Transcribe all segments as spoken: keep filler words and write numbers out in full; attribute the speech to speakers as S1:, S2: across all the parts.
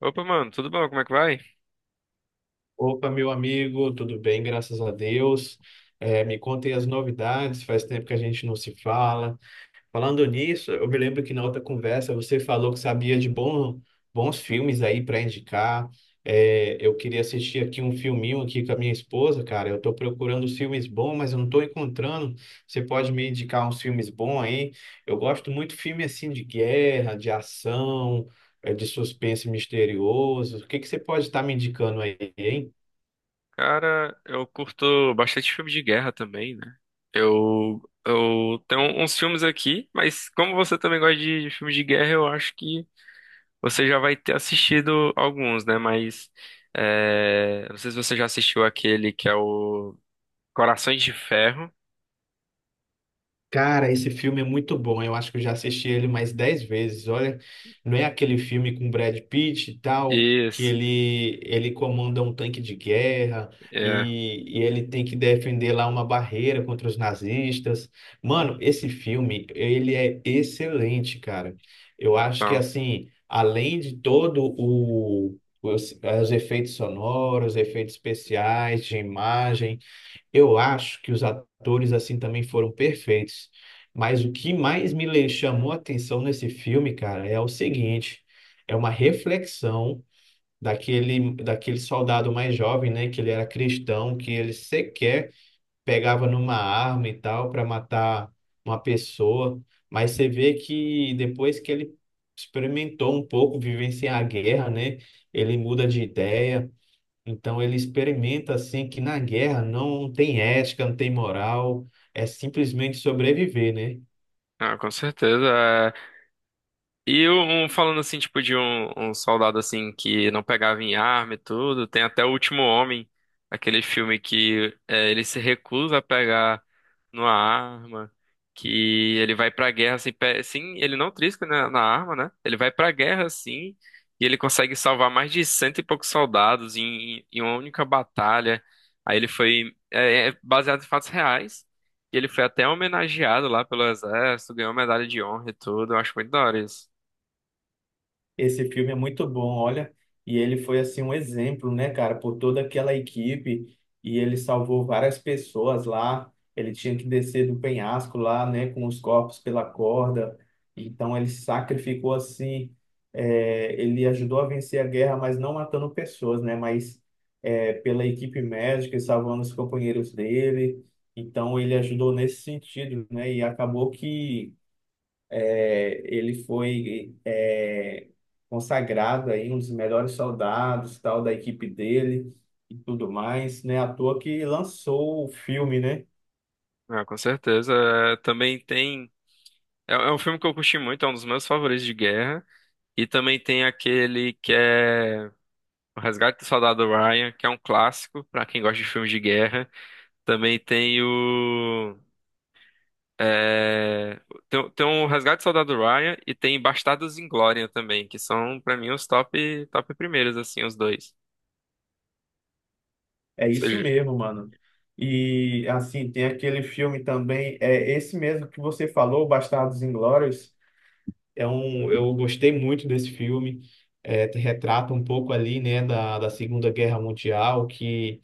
S1: Opa, mano, tudo bom? Como é que vai?
S2: Opa, meu amigo, tudo bem? Graças a Deus. É, me contem as novidades, faz tempo que a gente não se fala. Falando nisso, eu me lembro que na outra conversa você falou que sabia de bom, bons filmes aí para indicar. É, eu queria assistir aqui um filminho aqui com a minha esposa, cara. Eu estou procurando os filmes bons, mas eu não estou encontrando. Você pode me indicar uns filmes bons aí? Eu gosto muito de filme assim de guerra, de ação, é, de suspense misterioso. O que que você pode estar me indicando aí, hein?
S1: Cara, eu curto bastante filme de guerra também, né? Eu, eu tenho uns filmes aqui, mas como você também gosta de, de filmes de guerra, eu acho que você já vai ter assistido alguns, né? Mas é, não sei se você já assistiu aquele que é o Corações de Ferro.
S2: Cara, esse filme é muito bom. Eu acho que eu já assisti ele mais dez vezes. Olha, não é aquele filme com Brad Pitt e tal, que
S1: Isso,
S2: ele, ele comanda um tanque de guerra
S1: é.
S2: e, e ele tem que defender lá uma barreira contra os nazistas. Mano,
S1: Hum,
S2: esse filme, ele é excelente, cara. Eu acho que,
S1: Então,
S2: assim, além de todo o... Os, os efeitos sonoros, efeitos especiais, de imagem, eu acho que os atores assim também foram perfeitos. Mas o que mais me le- chamou a atenção nesse filme, cara, é o seguinte, é uma reflexão daquele daquele soldado mais jovem, né, que ele era cristão, que ele sequer pegava numa arma e tal para matar uma pessoa, mas você vê que depois que ele experimentou um pouco vivenciar a guerra, né, ele muda de ideia. Então ele experimenta assim que na guerra não tem ética, não tem moral, é simplesmente sobreviver, né?
S1: ah, com certeza. E um, falando assim, tipo, de um, um soldado assim que não pegava em arma e tudo, tem até O Último Homem, aquele filme que é, ele se recusa a pegar numa arma, que ele vai pra guerra assim, pe- sim, ele não trisca na, na arma, né? Ele vai pra guerra assim, e ele consegue salvar mais de cento e poucos soldados em, em uma única batalha. Aí ele foi é, é baseado em fatos reais. E ele foi até homenageado lá pelo exército, ganhou medalha de honra e tudo. Eu acho muito da hora isso.
S2: Esse filme é muito bom, olha. E ele foi assim um exemplo, né, cara, por toda aquela equipe. E ele salvou várias pessoas lá. Ele tinha que descer do penhasco lá, né, com os corpos pela corda. Então ele sacrificou assim. Eh, ele ajudou a vencer a guerra, mas não matando pessoas, né, mas eh, pela equipe médica e salvando os companheiros dele. Então ele ajudou nesse sentido, né? E acabou que é, ele foi é, consagrado aí um dos melhores soldados, tal da equipe dele e tudo mais, né? À toa que lançou o filme, né?
S1: Ah, com certeza. É, também tem. É, é um filme que eu curti muito, é um dos meus favoritos de guerra. E também tem aquele que é O Resgate do Soldado Ryan, que é um clássico pra quem gosta de filmes de guerra. Também tem o, é, tem, tem o Resgate do Soldado Ryan e tem Bastardos Inglória também, que são pra mim os top, top primeiros, assim, os dois.
S2: É
S1: Ou
S2: isso
S1: seja,
S2: mesmo, mano. E assim, tem aquele filme também, é esse mesmo que você falou, Bastardos Inglórios. É um, eu gostei muito desse filme. É, te retrata um pouco ali, né, da, da Segunda Guerra Mundial, que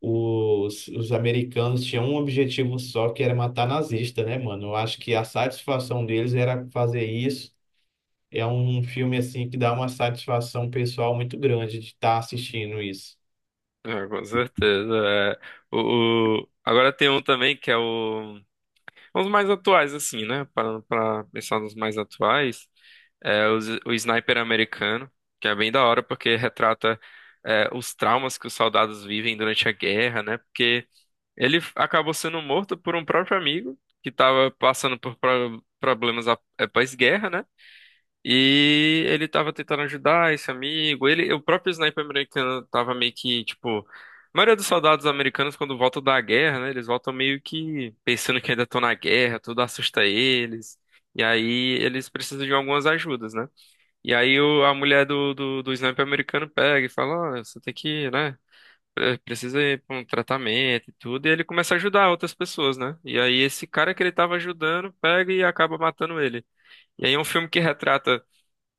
S2: os, os americanos tinham um objetivo só, que era matar nazista, né, mano? Eu acho que a satisfação deles era fazer isso. É um filme, assim, que dá uma satisfação pessoal muito grande de estar assistindo isso.
S1: é, com certeza. É. O, o- Agora tem um também que é o. Os mais atuais, assim, né? Para, para pensar nos mais atuais, é os- o, Sniper americano, que é bem da hora porque retrata é, os traumas que os soldados vivem durante a guerra, né? Porque ele f- acabou sendo morto por um próprio amigo que estava passando por pro- problemas após guerra, né? E ele tava tentando ajudar esse amigo. Ele, o próprio sniper americano tava meio que, tipo, a maioria dos soldados americanos, quando voltam da guerra, né? Eles voltam meio que pensando que ainda estão na guerra, tudo assusta eles. E aí eles precisam de algumas ajudas, né? E aí o- a mulher do, do, do sniper americano pega e fala: Ó, você tem que, né? pre- Precisa ir pra um tratamento e tudo. E ele começa a ajudar outras pessoas, né? E aí esse cara que ele tava ajudando pega e acaba matando ele. E aí é um filme que retrata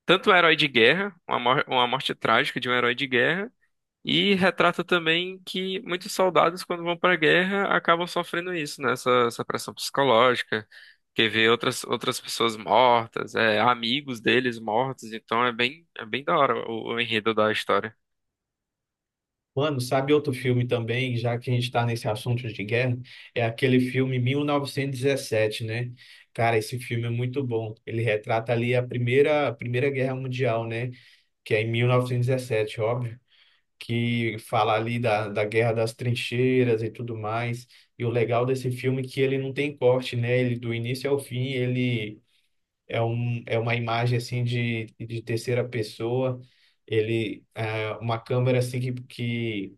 S1: tanto o herói de guerra, uma, mor- uma morte trágica de um herói de guerra, e retrata também que muitos soldados, quando vão para a guerra, acabam sofrendo isso, né? Essa, essa pressão psicológica, que vê outras, outras pessoas mortas, é, amigos deles mortos, então é bem, é bem da hora o, o enredo da história.
S2: Mano, sabe outro filme também, já que a gente está nesse assunto de guerra? É aquele filme mil novecentos e dezessete, né? Cara, esse filme é muito bom. Ele retrata ali a primeira, a Primeira Guerra Mundial, né? Que é em mil novecentos e dezessete, óbvio. Que fala ali da, da guerra das trincheiras e tudo mais. E o legal desse filme é que ele não tem corte, né? Ele do início ao fim, ele é um, é uma imagem assim de, de terceira pessoa. Ele é uma câmera assim que, que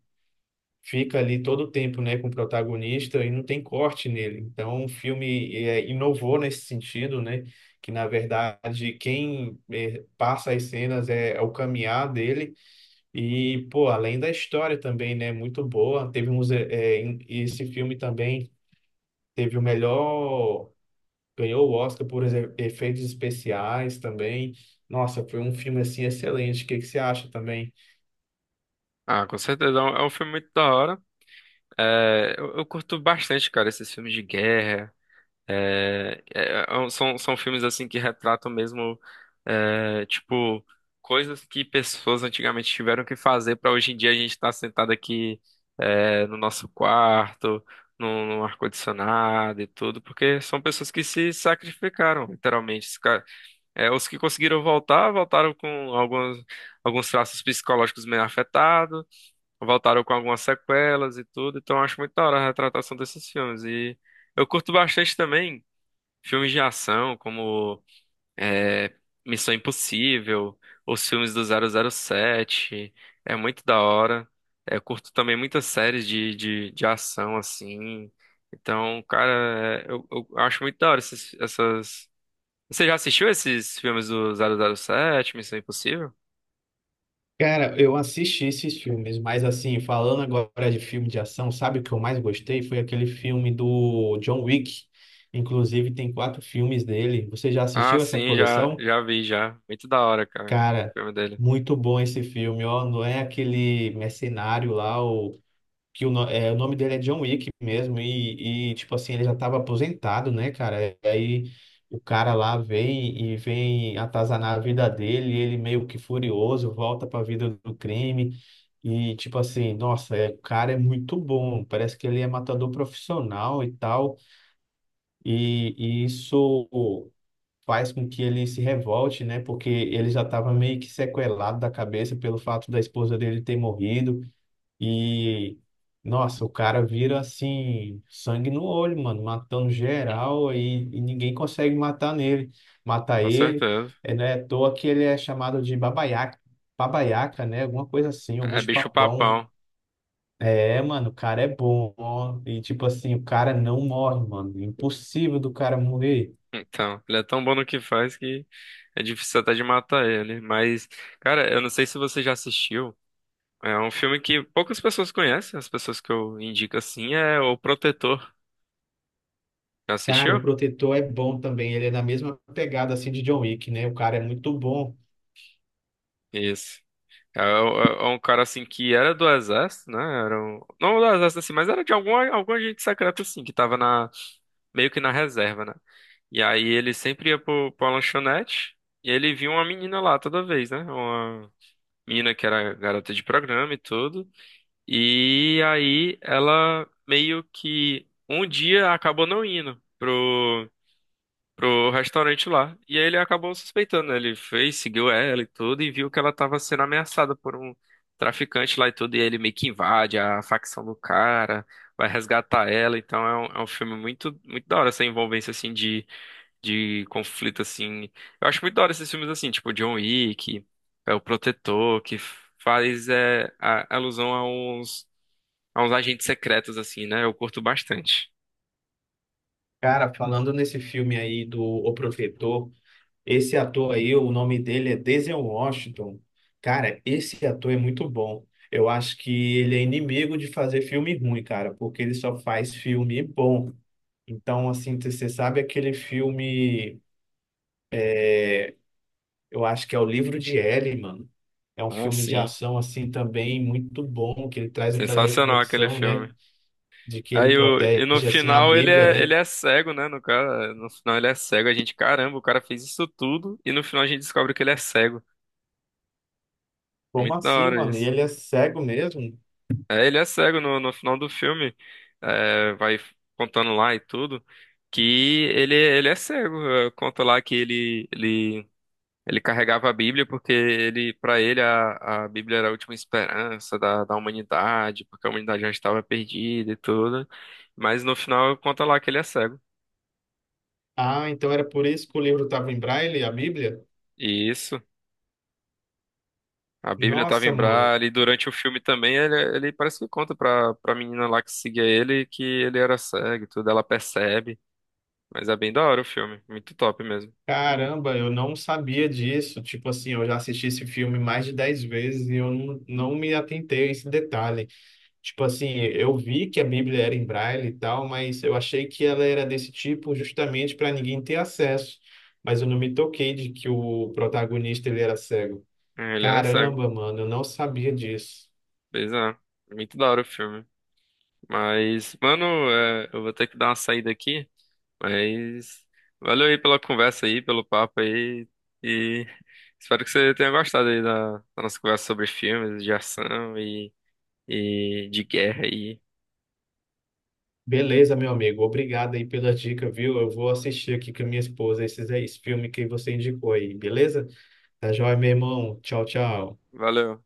S2: fica ali todo o tempo, né, com o protagonista e não tem corte nele. Então, o filme é, inovou nesse sentido, né? Que na verdade quem eh, passa as cenas é é o caminhar dele e, pô, além da história também, né? Muito boa. Teve uns, eh, eh, em- esse filme também teve o melhor. Ganhou o Oscar por exe- efeitos especiais também. Nossa, foi um filme assim excelente. O que que você acha também?
S1: Ah, com certeza, é um, é um filme muito da hora. É, eu, eu curto bastante, cara, esses filmes de guerra. É, é, é um- são, são filmes assim que retratam mesmo é, tipo coisas que pessoas antigamente tiveram que fazer para hoje em dia a gente estar sentado aqui é, no nosso quarto, no, no ar-condicionado e tudo, porque são pessoas que se sacrificaram, literalmente. Os, ca- é, os que conseguiram voltar, voltaram com alguns, alguns traços psicológicos meio afetados, voltaram com algumas sequelas e tudo, então eu acho muito da hora a retratação desses filmes. E eu curto bastante também. Filmes de ação como é, Missão Impossível, os filmes do zero zero sete, é muito da hora. É, eu curto também muitas séries de, de, de ação, assim. Então, cara, é, eu, eu acho muito da hora esses, essas... Você já assistiu esses filmes do zero zero sete, Missão Impossível?
S2: Cara, eu assisti esses filmes, mas assim, falando agora de filme de ação, sabe o que eu mais gostei? Foi aquele filme do John Wick. Inclusive, tem quatro filmes dele. Você já
S1: Ah,
S2: assistiu essa
S1: sim, já,
S2: coleção?
S1: já vi, já. Muito da hora, cara, o
S2: Cara,
S1: filme dele.
S2: muito bom esse filme, ó. Não é aquele mercenário lá, o que o, no- é, o nome dele é John Wick mesmo, e, e, tipo assim, ele já estava aposentado, né, cara? E aí o cara lá vem e vem atazanar a vida dele, e ele meio que furioso, volta para a vida do crime. E tipo assim, nossa, é, o cara é muito bom. Parece que ele é matador profissional e tal. E, e isso faz com que ele se revolte, né? Porque ele já estava meio que sequelado da cabeça pelo fato da esposa dele ter morrido. E, nossa, o cara vira assim, sangue no olho, mano, matando geral e, e ninguém consegue matar nele, matar
S1: Com
S2: ele.
S1: certeza.
S2: É, não é à toa que ele é chamado de babaiaca, babaiaca, né? Alguma coisa assim, o
S1: É
S2: bicho
S1: bicho
S2: papão.
S1: papão.
S2: É, mano, o cara é bom. Ó. E tipo assim, o cara não morre, mano. Impossível do cara morrer.
S1: Então, ele é tão bom no que faz que é difícil até de matar ele. Mas, cara, eu não sei se você já assistiu. É um filme que poucas pessoas conhecem. As pessoas que eu indico assim é O Protetor. Já
S2: Cara, o
S1: assistiu?
S2: Protetor é bom também. Ele é na mesma pegada assim de John Wick, né? O cara é muito bom.
S1: Isso. É, o- é um cara assim que era do exército, né? Era um... Não do exército assim, mas era de algum, algum agente secreto assim, que tava na... meio que na reserva, né? E aí ele sempre ia pro, pra lanchonete e ele via uma menina lá toda vez, né? Uma menina que era garota de programa e tudo. E aí ela meio que um dia acabou não indo pro, pro restaurante lá. E aí ele acabou suspeitando, né? Ele foi, seguiu ela e tudo, e viu que ela tava sendo ameaçada por um traficante lá e tudo. E aí ele meio que invade a facção do cara, vai resgatar ela. Então é um, é um filme muito, muito da hora essa envolvência assim de, de conflito assim. Eu acho muito da hora esses filmes assim, tipo John Wick, é o Protetor, que faz é, a- alusão a uns a uns agentes secretos, assim, né? Eu curto bastante.
S2: Cara, falando nesse filme aí do O Protetor, esse ator aí, o nome dele é Denzel Washington. Cara, esse ator é muito bom. Eu acho que ele é inimigo de fazer filme ruim, cara, porque ele só faz filme bom. Então, assim, você sabe aquele filme, eu acho que é O Livro de Ellie, mano. É um
S1: Ah,
S2: filme de
S1: sim.
S2: ação assim também muito bom, que ele traz aquela
S1: Sensacional aquele
S2: reflexão, né?
S1: filme.
S2: De que ele
S1: Aí o, e no
S2: protege assim a
S1: final ele
S2: Bíblia,
S1: é, ele
S2: né?
S1: é cego, né? No cara, no final ele é cego. A gente, caramba, o cara fez isso tudo e no final a gente descobre que ele é cego.
S2: Como
S1: Muito da
S2: assim,
S1: hora
S2: mano? E
S1: isso.
S2: ele é cego mesmo?
S1: É, ele é cego no, no final do filme. É, vai contando lá e tudo. Que ele, ele é cego. É, conta lá que ele, ele ele carregava a Bíblia porque ele, para ele, a, a Bíblia era a última esperança da, da humanidade, porque a humanidade já estava perdida e tudo. Mas no final conta lá que ele é cego.
S2: Ah, então era por isso que o livro estava em braille, a Bíblia?
S1: E isso, a Bíblia estava em
S2: Nossa, mano.
S1: Braille, e durante o filme também ele, ele parece que conta pra, pra menina lá que seguia ele que ele era cego e tudo, ela percebe. Mas é bem da hora o filme, muito top mesmo.
S2: Caramba, eu não sabia disso. Tipo assim, eu já assisti esse filme mais de dez vezes e eu não, não me atentei a esse detalhe. Tipo assim, eu vi que a Bíblia era em braille e tal, mas eu achei que ela era desse tipo justamente para ninguém ter acesso. Mas eu não me toquei de que o protagonista ele era cego.
S1: É, ele era cego,
S2: Caramba, mano, eu não sabia disso.
S1: bizarro. Muito da hora o filme. Mas, mano, é, eu vou ter que dar uma saída aqui. Mas valeu aí pela conversa aí, pelo papo aí. E espero que você tenha gostado aí da, da nossa conversa sobre filmes de ação e, e de guerra aí.
S2: Beleza, meu amigo. Obrigado aí pela dica, viu? Eu vou assistir aqui com a minha esposa esses, esse filme que você indicou aí, beleza? Tá joia, meu irmão. Tchau, tchau.
S1: Valeu.